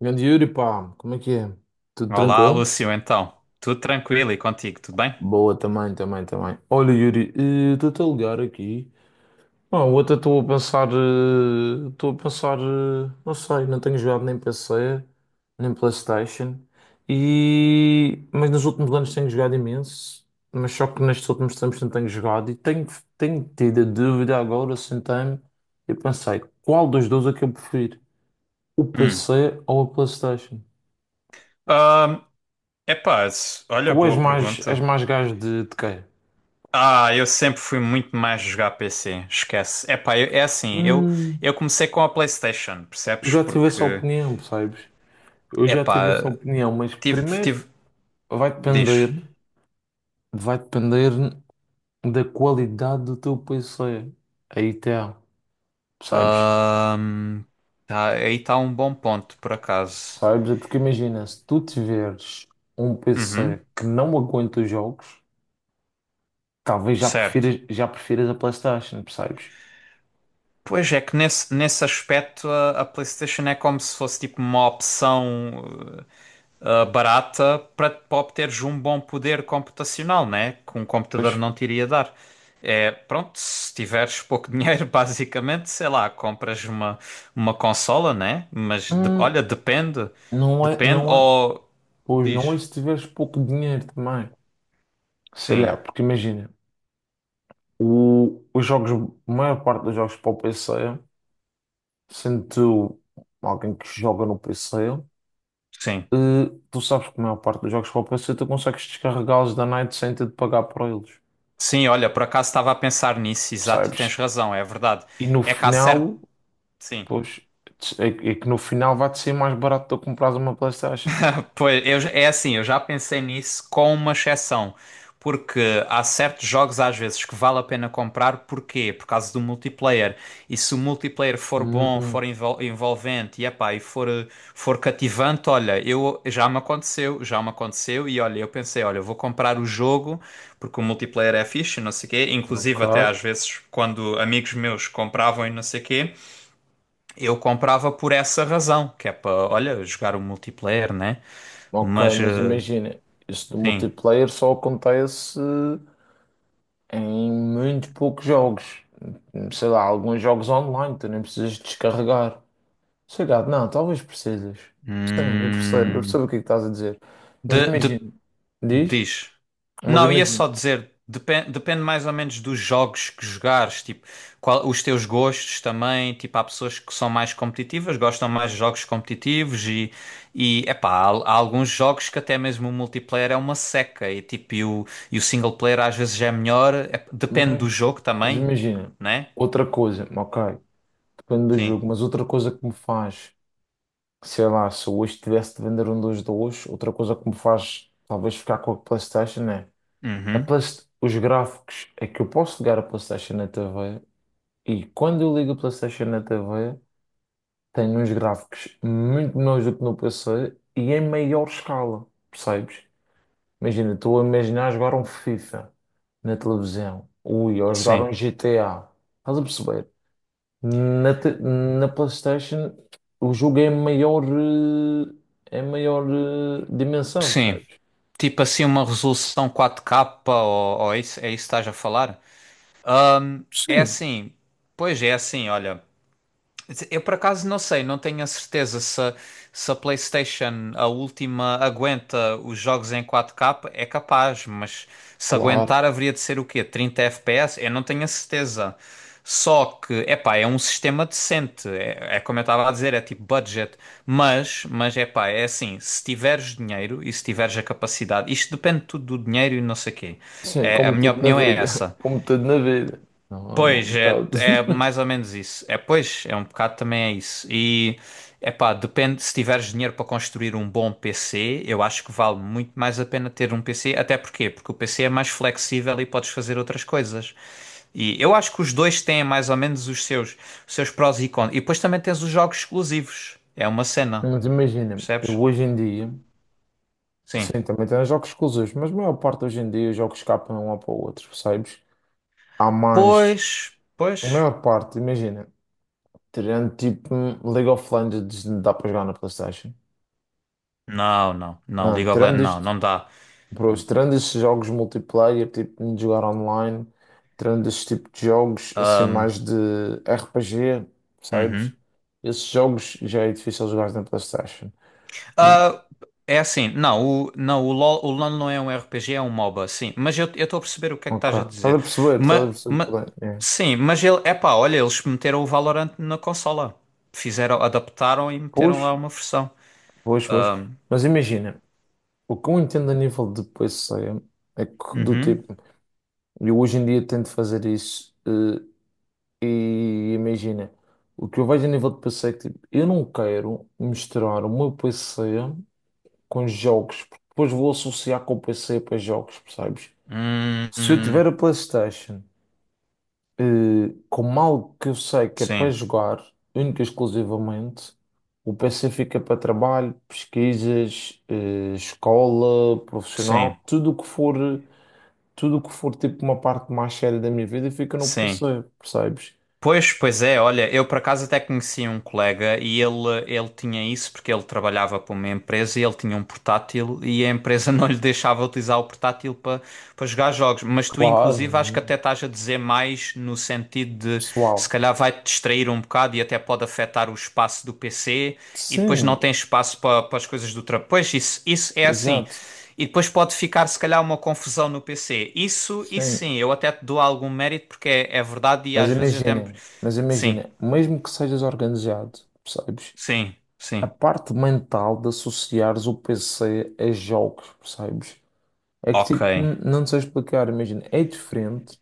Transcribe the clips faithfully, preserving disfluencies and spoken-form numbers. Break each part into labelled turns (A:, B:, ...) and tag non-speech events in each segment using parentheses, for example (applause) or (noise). A: Grande Yuri, pá, como é que é? Tudo
B: Olá,
A: tranquilo?
B: Lúcio, então. Tudo tranquilo e contigo, tudo bem?
A: Boa, também, também, também. Olha, Yuri, eh, estou-te a ligar aqui. Ah, outra Estou a pensar, eh, estou a pensar, eh, não sei, não tenho jogado nem P C, nem PlayStation, e mas nos últimos anos tenho jogado imenso, mas só que nestes últimos tempos não tenho jogado e tenho, tenho tido a dúvida agora, sentei-me e pensei, qual dos dois é que eu prefiro? O
B: Hum.
A: P C ou a PlayStation?
B: Ahm, epá, s- olha,
A: Tu és
B: boa
A: mais, és
B: pergunta.
A: mais gajo de, de quê?
B: Ah, eu sempre fui muito mais jogar P C, esquece. Epá, eu, é assim, eu,
A: Hum,
B: eu comecei com a PlayStation, percebes?
A: já tive essa
B: Porque,
A: opinião, percebes? Eu já tive essa
B: epá,
A: opinião, mas
B: tive,
A: primeiro
B: tive,
A: vai
B: diz.
A: depender, vai depender da qualidade do teu P C. Aí tá, percebes?
B: Ahm, tá, aí está um bom ponto, por acaso.
A: Percebes? É porque imagina, se tu tiveres um
B: Uhum,
A: P C que não aguenta os jogos, talvez já
B: certo.
A: prefiras, já prefiras a PlayStation, percebes?
B: Pois é que nesse, nesse aspecto a, a PlayStation é como se fosse tipo uma opção. eh, ah, Barata para, para obteres um bom poder computacional, né? Que um
A: Pois,
B: computador não te iria dar. É, pronto, se tiveres pouco dinheiro, (laughs) basicamente, sei lá, compras uma, uma consola, né? Mas de-
A: hum,
B: olha, depende.
A: não é,
B: Depende.
A: não é,
B: Ou
A: pois não é
B: diz.
A: se tiveres pouco dinheiro também. Sei lá,
B: Sim,
A: porque imagina. O, os jogos, a maior parte dos jogos para o P C, sendo tu alguém que joga no P C,
B: sim.
A: eh, tu sabes que a maior parte dos jogos para o P C tu consegues descarregá-los da night sem ter de pagar por eles,
B: Sim, olha, por acaso estava a pensar nisso, exato, e tens
A: percebes?
B: razão, é verdade.
A: E no
B: É que há certo.
A: final,
B: Sim.
A: pois, é, que é que no final vai-te ser mais barato tu comprares uma PlayStation.
B: (laughs) Pois, eu, é assim, eu já pensei nisso com uma exceção, porque há certos jogos às vezes que vale a pena comprar, porquê? Por causa do multiplayer. E se o multiplayer for bom,
A: Hum,
B: for envol- envolvente e, epá, e for, eh, for cativante, olha, eu já me aconteceu, já me aconteceu, e olha, eu pensei, olha, eu vou comprar o jogo porque o multiplayer é fixe, não sei quê,
A: ok,
B: inclusive até às vezes quando amigos meus compravam e não sei quê. Eu comprava por essa razão, que é para, olha, jogar o multiplayer, né?
A: ok,
B: Mas,
A: mas
B: eh,
A: imagina, isso do
B: sim.
A: multiplayer só acontece em muito poucos jogos. Sei lá, alguns jogos online, tu nem precisas descarregar. Sei lá, não, talvez precisas. Sim, eu percebo, eu
B: Hum,
A: percebo o que é que estás a dizer. Mas
B: de, de-
A: imagina, diz?
B: diz.
A: Mas
B: Não, ia
A: imagina,
B: só dizer, depende, depende mais ou menos dos jogos que jogares, tipo, qual, os teus gostos também, tipo, há pessoas que são mais competitivas, gostam mais de jogos competitivos e, e epá, há, há alguns jogos que até mesmo o multiplayer é uma seca e, tipo, e o, e o single player às vezes é melhor, é- depende
A: mas,
B: do jogo
A: mas
B: também,
A: imagina,
B: né?
A: outra coisa, ok, depende do
B: Sim.
A: jogo, mas outra coisa que me faz, sei lá, se eu hoje tivesse de vender um dos dois, outra coisa que me faz talvez ficar com a PlayStation é a
B: Uhum.
A: Play- os gráficos, é que eu posso ligar a PlayStation na T V. E quando eu ligo o PlayStation na T V, tem uns gráficos muito melhores do que no P C e em maior escala, percebes? Imagina, estou a imaginar jogar um FIFA na televisão, ui, ou jogar
B: Sim,
A: um G T A, estás a perceber? Na, te- na PlayStation, o jogo é em maior, eh, é em maior eh, dimensão,
B: sim.
A: percebes?
B: Tipo assim, uma resolução quatro K ou, ou é isso, é isso que estás a falar? É
A: Sim,
B: assim, pois é é assim, olha. Eu por acaso não sei, não tenho a certeza se, a- se a PlayStation, a última, aguenta os jogos em quatro K, é capaz, mas se
A: claro.
B: aguentar haveria de ser o quê? trinta F P S? Eu não tenho a certeza. Só que, epá, é um sistema decente, é, é como eu estava a dizer, é tipo budget, mas, mas epá, é assim, se tiveres dinheiro e se tiveres a capacidade, isto depende tudo do dinheiro e não sei o quê.
A: Sim,
B: É, a
A: como
B: minha
A: tudo na
B: opinião é
A: vida,
B: essa.
A: (laughs) como tudo na vida. Não, não
B: Pois,
A: é
B: é,
A: pronto.
B: é
A: (laughs)
B: mais ou menos isso. É, pois, é um bocado também é isso. E, é pá, depende, se tiveres dinheiro para construir um bom P C, eu acho que vale muito mais a pena ter um P C. Até porquê? Porque o P C é mais flexível e podes fazer outras coisas. E eu acho que os dois têm mais ou menos os seus, os seus prós e contras. E depois também tens os jogos exclusivos. É uma cena,
A: Mas imagina, eu
B: percebes?
A: hoje em dia,
B: Sim.
A: sim, também tem jogos exclusivos, mas a maior parte hoje em dia os jogos escapam um ao para o outro, percebes? Há mais,
B: Pois,
A: a
B: pois.
A: maior parte, imagina, tirando tipo um League of Legends, não dá para jogar na PlayStation.
B: Não, não, não.
A: Não,
B: League of
A: tirando
B: Legends, não,
A: isto,
B: não dá.
A: bro,
B: Não.
A: tirando estes jogos multiplayer, tipo de jogar online, tirando este tipo de jogos, assim,
B: Ahm,
A: mais de R P G, percebes?
B: uhum.
A: Esses jogos já é difícil jogar na PlayStation. Hum,
B: Ah, é assim, não, o, não, o lol, o lol não é um R P G, é um MOBA, sim. Mas eu eu estou a perceber o que é que
A: Ok,
B: estás a
A: estás
B: dizer.
A: a perceber, estás a
B: Mas,
A: perceber, o problema é.
B: sim, mas ele, epá, olha, eles meteram o Valorant na consola. Fizeram, adaptaram e
A: Pois,
B: meteram lá uma versão.
A: Pois, pois.
B: Ah,
A: Mas imagina, o que eu entendo a nível de passeio é que do
B: uhum.
A: tipo, eu hoje em dia tento fazer isso, eh, e imagina, o que eu vejo a nível de passeio é que tipo, eu não quero misturar o meu passeio com jogos, porque depois vou associar com o passeio para jogos, percebes?
B: Hum,
A: Se eu tiver
B: hum,
A: a PlayStation eh, como algo que eu sei que é para
B: sim,
A: jogar, única e exclusivamente, o P C fica para trabalho, pesquisas, eh, escola, profissional,
B: sim,
A: tudo o que for, tudo o que for tipo uma parte mais séria da minha vida fica no
B: sim.
A: P C, percebes?
B: Pois, pois é, olha, eu por acaso até conheci um colega e ele, ele tinha isso porque ele trabalhava para uma empresa e ele tinha um portátil e a empresa (laughs) não lhe deixava utilizar o portátil para, para jogar jogos. Mas tu,
A: Claro,
B: inclusive, acho que até estás a dizer mais no sentido de se
A: pessoal.
B: calhar vai-te distrair um bocado e até pode afetar o espaço do P C e depois não
A: Sim,
B: tem espaço para, para as coisas do trabalho. Pois, isso, isso é assim.
A: exato,
B: E depois pode ficar, se calhar, uma confusão no P C. Isso, isso
A: sim.
B: sim, eu até te dou algum mérito porque é, é verdade e
A: Mas
B: às vezes até me
A: imagina, mas
B: Sim,
A: imagina, mesmo que sejas organizado, percebes?
B: sim,
A: A
B: sim.
A: parte mental de associares o P C a jogos, percebes? É que
B: Ok.
A: tipo, n- não sei explicar, imagina, é diferente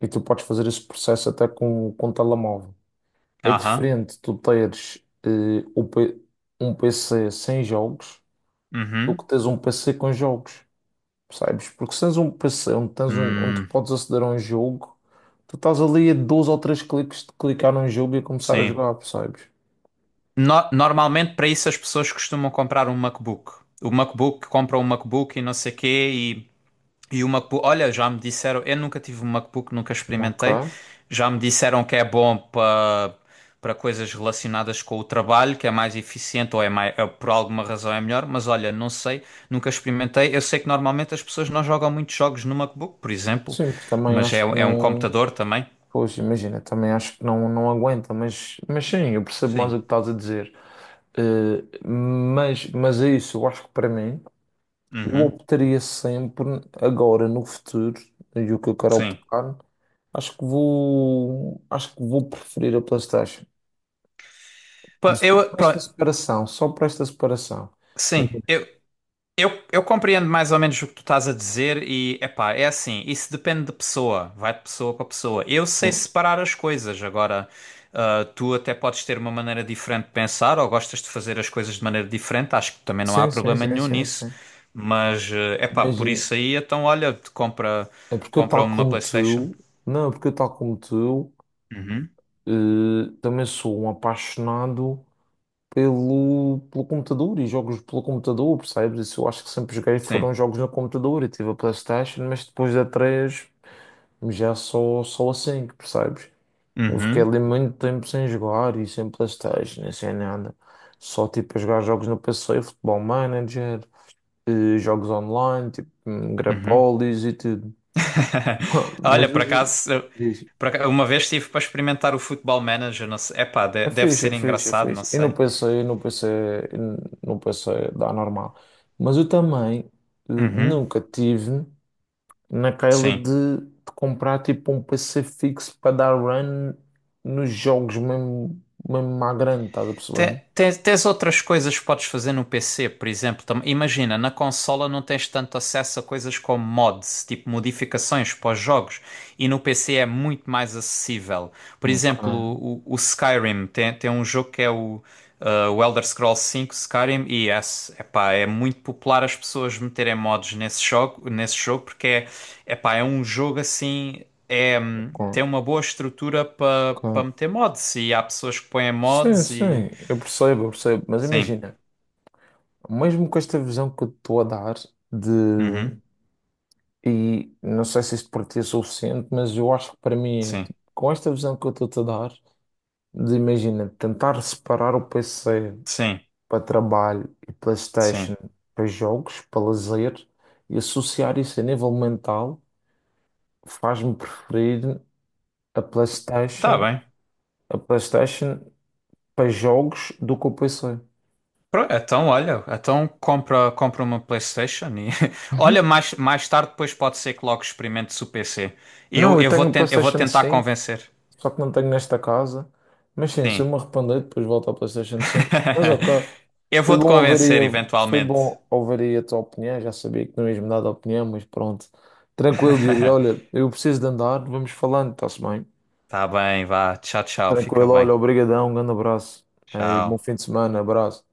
A: e tu podes fazer esse processo até com, com telemóvel. É
B: Aham.
A: diferente tu teres eh, o P- um P C sem jogos do que
B: Uhum.
A: teres um P C com jogos, percebes? Porque se tens um P C onde, tens um, onde
B: Hum,
A: podes aceder a um jogo, tu estás ali a dois ou três cliques de clicar num jogo e começar a
B: sim.
A: jogar, percebes?
B: No- normalmente para isso as pessoas costumam comprar um MacBook. O MacBook compra um MacBook e não sei quê. E o MacBook, olha, já me disseram, eu nunca tive um MacBook, nunca experimentei.
A: Ok.
B: Já me disseram que é bom para para coisas relacionadas com o trabalho, que é mais eficiente ou é mais, é- por alguma razão é melhor, mas olha, não sei, nunca experimentei. Eu sei que normalmente as pessoas não jogam muitos jogos no MacBook, por exemplo,
A: Sim, porque também
B: mas é,
A: acho que
B: é um
A: não.
B: computador também.
A: Pois, imagina, também acho que não, não aguenta, mas, mas sim, eu percebo mais
B: Sim.
A: o que estás a dizer. Eh, mas, mas é isso, eu acho que para mim, eu
B: Uhum.
A: optaria sempre agora no futuro, e o que eu quero
B: Sim.
A: optar, acho que vou, acho que vou preferir a PlayStation. Por
B: Pa-
A: só
B: Eu,
A: por esta
B: pro-
A: separação, só por esta separação.
B: sim,
A: Imagina,
B: eu, Eu, eu compreendo mais ou menos o que tu estás a dizer e, epá, é assim, isso depende de pessoa, vai de pessoa para pessoa. Eu sei
A: Sim,
B: separar as coisas, agora, ah, tu até podes ter uma maneira diferente de pensar ou gostas de fazer as coisas de maneira diferente, acho que também não há
A: sim, sim,
B: problema
A: sim,
B: nenhum
A: sim.
B: nisso,
A: sim.
B: mas, é epá, por
A: Imagina,
B: isso aí, então olha, te compra,
A: é porque eu
B: compra
A: tal
B: uma
A: como
B: PlayStation.
A: tu, não, é porque eu tal como tu,
B: Uhum.
A: eh, também sou um apaixonado pelo, pelo computador e jogos pelo computador, percebes? Isso eu acho que sempre joguei
B: Sim.
A: foram jogos no computador. Eu tive a PlayStation, mas depois da três já só, só a cinco, percebes? Eu fiquei
B: Uhum.
A: ali muito tempo sem jogar e sem PlayStation, e sem nada. Só tipo a jogar jogos no P C, Futebol Manager, eh, jogos online, tipo hum,
B: Uhum.
A: Grapolis e tudo.
B: (laughs)
A: (laughs)
B: Olha,
A: Mas
B: por
A: hoje.
B: acaso, eu-
A: Diz.
B: por aca- uma vez estive para experimentar o Football Manager, não sei. Epá,
A: É
B: de- deve
A: fixe, é
B: ser
A: fixe, é
B: engraçado, não
A: fixe. Eu não
B: sei.
A: pensei, eu não pensei, eu não pensei dar normal. Mas eu também eh,
B: Uhum,
A: nunca tive naquela
B: sim.
A: de, de comprar tipo um P C fixo para dar run nos jogos mesmo, mesmo à grande, estás a perceber?
B: Te- Tens, tens outras coisas que podes fazer no P C, por exemplo. tam- Imagina, na consola não tens tanto acesso a coisas como mods, tipo modificações para os jogos, e no P C é muito mais acessível. Por
A: Ok,
B: exemplo, o, o- o Skyrim tem, tem um jogo que é o, ah, o Elder Scrolls V Skyrim, e é, epá, é muito popular as pessoas meterem mods nesse jogo, nesse jogo porque é, epá, é um jogo assim. É, hum,
A: ok,
B: tem uma boa estrutura para para
A: ok.
B: meter mods e há pessoas que põem
A: Sim,
B: mods e
A: sim, eu percebo, eu percebo. Mas
B: sim.
A: imagina, mesmo com esta visão que eu estou a dar de,
B: Uhum.
A: e não sei se isso para ti é suficiente, mas eu acho que para mim, é,
B: Sim.
A: tipo, com esta visão que eu estou-te a dar, de imagina, tentar separar o P C
B: Sim.
A: para trabalho e PlayStation
B: Sim.
A: para jogos, para lazer, e associar isso a nível mental, faz-me preferir a
B: Tá
A: PlayStation,
B: bem.
A: a PlayStation para jogos do que o P C.
B: Pro- Então, olha, então compra, compra uma PlayStation e (laughs) olha,
A: Uhum.
B: mais, mais tarde depois pode ser que logo experimente o P C. Eu,
A: Não, eu
B: eu vou
A: tenho o
B: ten- eu vou
A: PlayStation
B: tentar
A: cinco.
B: convencer.
A: Só que não tenho nesta casa. Mas sim, se eu
B: Sim.
A: me arrepender, depois volto ao PlayStation cinco. Mas
B: (laughs)
A: ok,
B: Eu
A: foi
B: vou te
A: bom ouvir aí,
B: convencer
A: foi
B: eventualmente.
A: bom ouvir aí a tua opinião. Já sabia que não ias me dar a opinião, mas pronto. Tranquilo, Yuri. Olha,
B: (laughs)
A: eu preciso de andar. Vamos falando, está-se bem?
B: Tá bem, vá. Tchau, tchau. Fica
A: Tranquilo,
B: bem.
A: olha, obrigadão. Um grande abraço. Aí, bom
B: Tchau.
A: fim de semana, abraço.